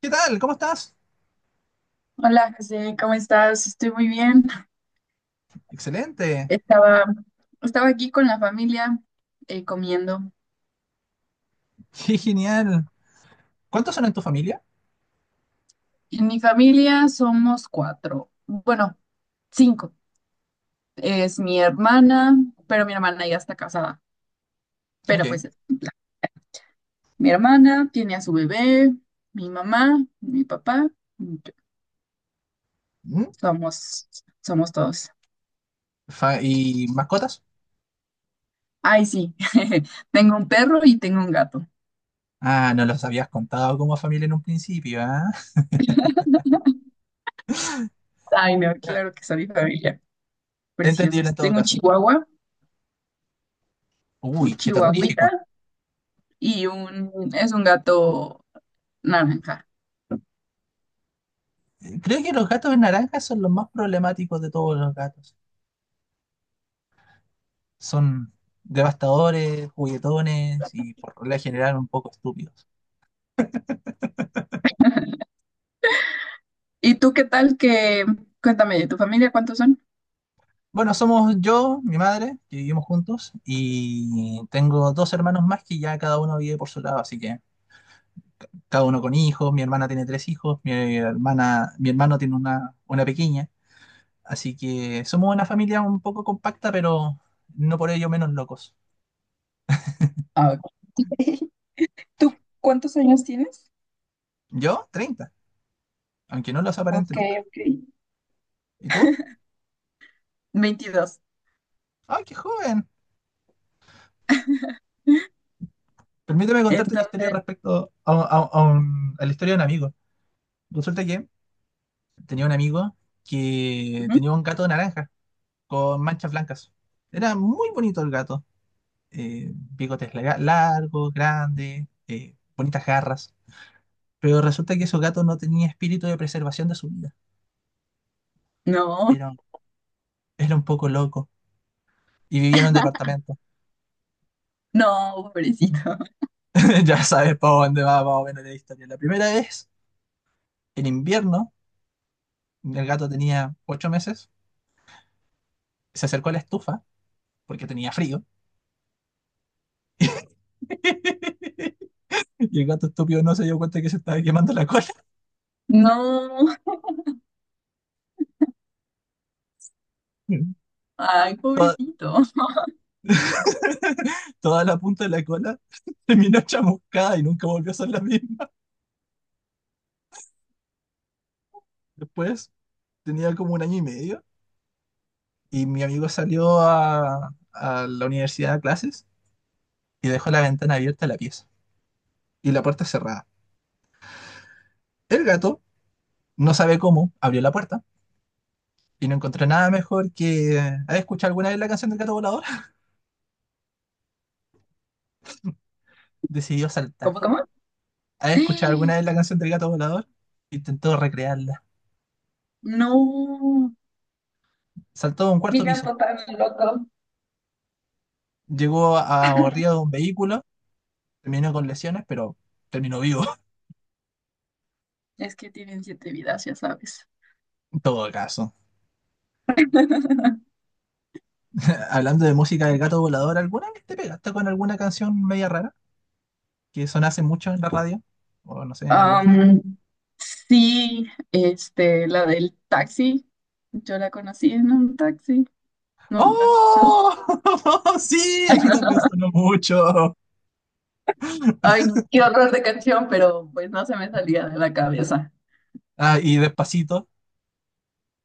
¿Qué tal? ¿Cómo estás? Hola, José, ¿cómo estás? Estoy muy bien. Excelente. Estaba, estaba aquí con la familia comiendo. Qué genial. ¿Cuántos son en tu familia? En mi familia somos cuatro, bueno, cinco. Es mi hermana, pero mi hermana ya está casada. Pero Ok. pues es mi hermana tiene a su bebé, mi mamá, mi papá, y yo. ¿Mm? Somos, somos todos. ¿Y mascotas? Ay, sí, tengo un perro y tengo un gato. Ah, no los habías contado como familia en un principio, ¿ah? Ay, no, claro que son mi familia. Entendible en Preciosos. todo Tengo un caso. chihuahua, un Uy, qué chihuahuita. terrorífico. Y es un gato naranja. Creo que los gatos naranjas son los más problemáticos de todos los gatos. Son devastadores, juguetones y por regla general un poco estúpidos. ¿Y tú qué cuéntame, de tu familia cuántos son? Bueno, somos yo, mi madre, que vivimos juntos, y tengo dos hermanos más que ya cada uno vive por su lado, así que cada uno con hijos, mi hermana tiene tres hijos, mi hermana, mi hermano tiene una pequeña, así que somos una familia un poco compacta, pero no por ello menos locos. Ah, ok. ¿Tú cuántos años tienes? Yo, treinta, aunque no los aparente Ok, nunca. ok. ¿Y tú? 22. ¡Ay, qué joven! Permíteme contarte una historia Entonces, respecto a la historia de un amigo. Resulta que tenía un amigo que ujú. tenía un gato naranja con manchas blancas. Era muy bonito el gato. Largos, grandes, bonitas garras. Pero resulta que esos gatos no tenían espíritu de preservación de su vida. No, Era, un- Era un poco loco. Y vivía en un departamento. no, pobrecito. Ya sabes para dónde va más o menos la historia. La primera vez, en invierno, el gato tenía ocho meses, se acercó a la estufa porque tenía frío. Y el gato estúpido no se dio cuenta que se estaba quemando la cola. No, ay, Toda, pobrecito. Toda la punta de la cola terminó chamuscada y nunca volvió a ser la misma. Después tenía como un año y medio. Y mi amigo salió a la universidad a clases y dejó la ventana abierta de la pieza y la puerta cerrada. El gato, no sabe cómo, abrió la puerta y no encontró nada mejor que... ¿Has escuchado alguna vez la canción del gato volador? Decidió saltar. ¿Cómo, cómo? ¿Has escuchado alguna vez la canción del gato volador? Intentó recrearla. No, Saltó de un cuarto mi piso. gato tan loco. Llegó a arriba de un vehículo, terminó con lesiones, pero terminó vivo, Es que tienen siete vidas, ya sabes. en todo caso. Hablando de música del gato volador, ¿alguna vez te pegaste con alguna canción media rara? Que son mucho en la radio, o no sé, en algún equipo. Am, sí, la del taxi. Yo la conocí en un taxi. No, ¿la has escuchado? ¡Oh! Sí, aquí también sonó mucho. Ay, no, qué horror de canción, pero pues no se me salía de la cabeza. Ah, y Despacito,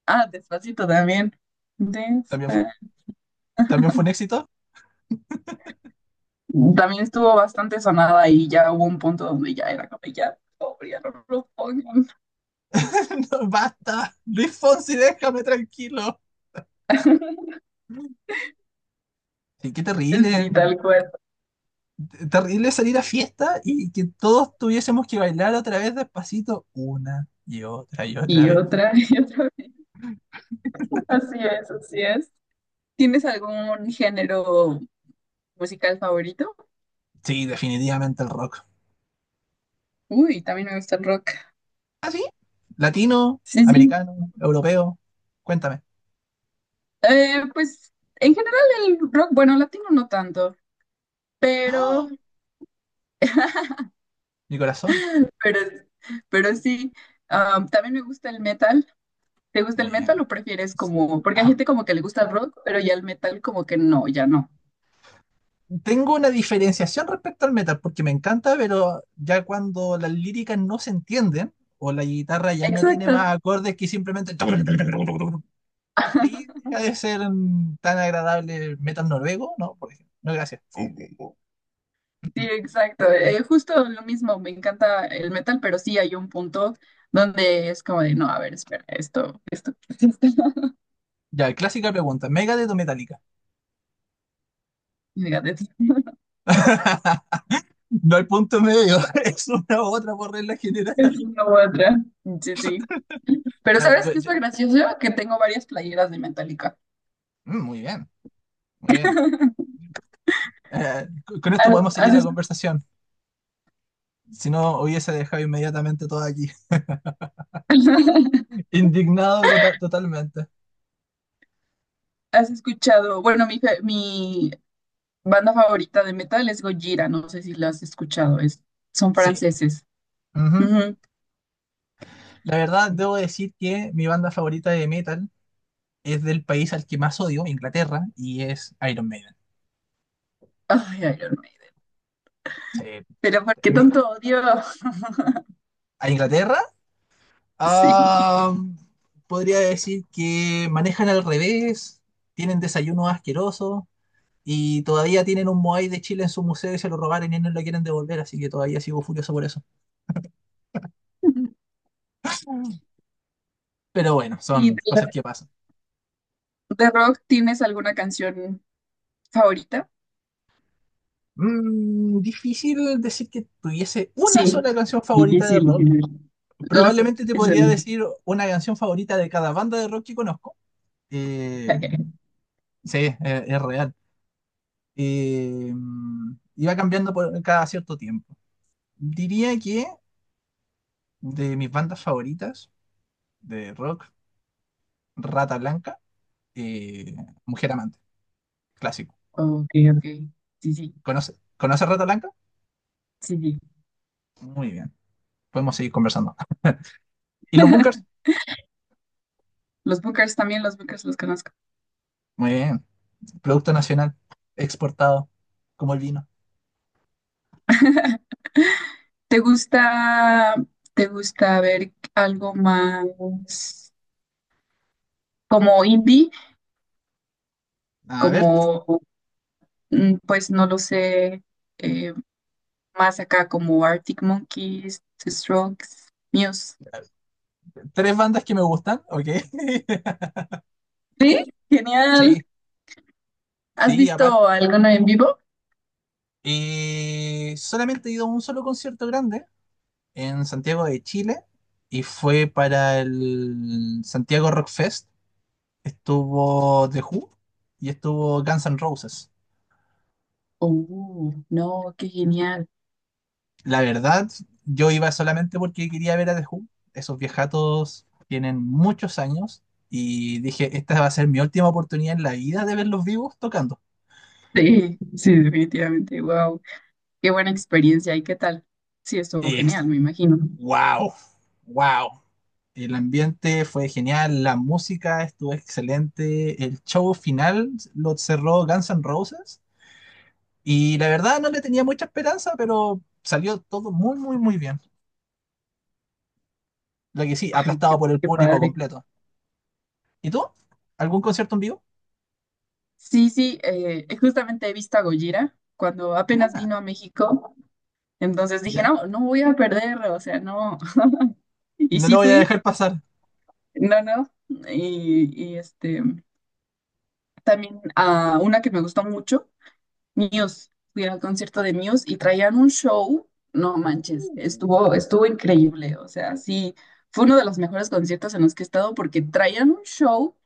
Ah, Despacito también. también fue, Despa- también fue un éxito. También estuvo bastante sonada y ya hubo un punto donde ya era como ya, por favor, ya no lo pongan. No, basta, Luis Fonsi, déjame tranquilo. Sí, qué terrible, Sí, tal cual. Terrible salir a fiesta y que todos tuviésemos que bailar otra vez Despacito, una y otra Y vez. otra, y otra. Así es, así es. ¿Tienes algún género musical favorito? Sí, definitivamente el rock. Uy, también me gusta el rock. ¿Ah, sí? Latino, Sí, sí. americano, europeo, cuéntame. Pues en general el rock, bueno, latino no tanto, pero, ¡Oh! Mi corazón. pero, pero sí. Am, también me gusta el metal. ¿Te gusta el Muy metal bien. o prefieres como, porque hay gente como que le gusta el rock, pero ya el metal como que no, ya no. Tengo una diferenciación respecto al metal, porque me encanta, pero ya cuando las líricas no se entienden, o la guitarra ya no tiene Exacto. más acordes que simplemente... Ahí deja de ser tan agradable el metal noruego, ¿no? Por ejemplo. No, gracias. Sí, exacto. Justo lo mismo, me encanta el metal, pero sí hay un punto donde es como de, no, a ver, espera, esto. Ya, clásica pregunta. ¿Megadeth o Metallica? No hay punto medio. Es una u otra por regla general. Es una u otra. Sí, sí. Pero Eh, ¿sabes yo- qué es yo- lo gracioso? Que tengo varias playeras de Metallica. Muy bien, muy bien. Eh, con esto ¿Has, podemos seguir has la es- conversación. Si no, hubiese dejado inmediatamente todo aquí. Indignado totalmente. ¿has escuchado? Bueno, mi banda favorita de metal es Gojira, no sé si la has escuchado, es, son Sí. franceses. Ujú. Ujú. La verdad, debo decir que mi banda favorita de metal es del país al que más odio, Inglaterra, y es Iron Maiden. Ay, Iron Maiden. Sí. Pero ¿por qué Mi- tanto odio? ¿A Inglaterra? Sí. Ah, podría decir que manejan al revés, tienen desayunos asquerosos y todavía tienen un Moai de Chile en su museo y se lo robaron y no lo quieren devolver, así que todavía sigo furioso por eso. Pero bueno, ¿Y son cosas que pasan. de rock tienes alguna canción favorita? Mm, difícil decir que tuviese una Sí. sola canción favorita de Difícil, rock. difícil. Lo sé, Probablemente te eso podría no. decir una canción favorita de cada banda de rock que conozco. Eh, sí, es real. Y va cambiando por cada cierto tiempo. Diría que de mis bandas favoritas de rock, Rata Blanca, eh, Mujer Amante, clásico. Ok, ok. Sí, sí, ¿Conoce Rata Blanca? sí, sí. Muy bien. Podemos seguir conversando. ¿Y los Bunkers? Los Bookers también, los Bookers los conozco. Muy bien. Producto nacional exportado, como el vino. ¿Te gusta, te gusta ver algo más como indie, A ver, como, mm, pues no lo sé, eh, más acá como Arctic Monkeys, The Strokes, Muse? tres bandas que me gustan, ok. Sí, genial. Sí, ¿Has sí, aparte. visto alguno en vivo? Solamente he ido a un solo concierto grande en Santiago de Chile y fue para el Santiago Rock Fest. Estuvo The Who y estuvo Guns N' Roses. Oh, no, qué genial. La verdad, yo iba solamente porque quería ver a The Who. Esos viejatos tienen muchos años y dije, esta va a ser mi última oportunidad en la vida de verlos vivos tocando. Sí, sí, definitivamente. Wow, qué buena experiencia. ¿Y qué tal? Sí, estuvo Ex- genial, me imagino. wow, wow. El ambiente fue genial, la música estuvo excelente, el show final lo cerró Guns N' Roses y la verdad no le tenía mucha esperanza, pero salió todo muy, muy, muy bien. Lo que sí, Ay, qué, aplastado por el qué público padre. completo. ¿Y tú? ¿Algún concierto en vivo? Sí, sí, justamente he visto a Gojira cuando apenas Ah, vino a México, entonces dije, ya. no, no voy a perder, o sea, no. Y No lo sí voy a fui, dejar pasar. no, no. Y, este, también a una que me gustó mucho, Muse. Fui al concierto de Muse y traían un show, no manches, Uh, estuvo increíble, o sea, sí, fue uno de los mejores conciertos en los que he estado porque traían un show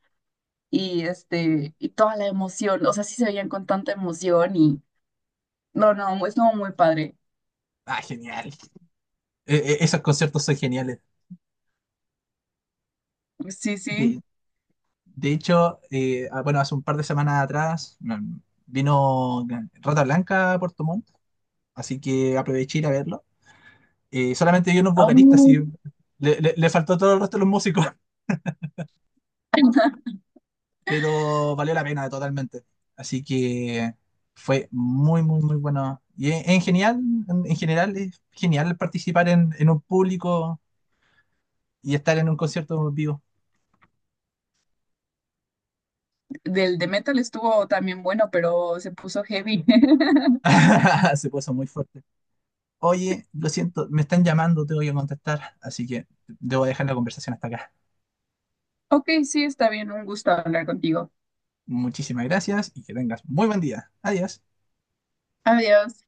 y este, y toda la emoción, o sea, sí se veían con tanta emoción y no, no, estuvo muy padre. Ah, genial. Esos conciertos son geniales. Sí, sí. De, de hecho, bueno, hace un par de semanas atrás, vino Rata Blanca a Puerto Montt, así que aproveché ir a verlo. Solamente vi unos Ah, vocalistas no. y le faltó todo el resto de los músicos, pero valió la pena totalmente. Así que fue muy, muy, muy bueno. Y en general es genial participar en un público y estar en un concierto vivo. Del de metal estuvo también bueno, pero se puso heavy. Se puso muy fuerte. Oye, lo siento, me están llamando, tengo que contestar, así que debo dejar la conversación hasta acá. Ok, sí, está bien. Un gusto hablar contigo. Muchísimas gracias y que tengas muy buen día. Adiós. Adiós.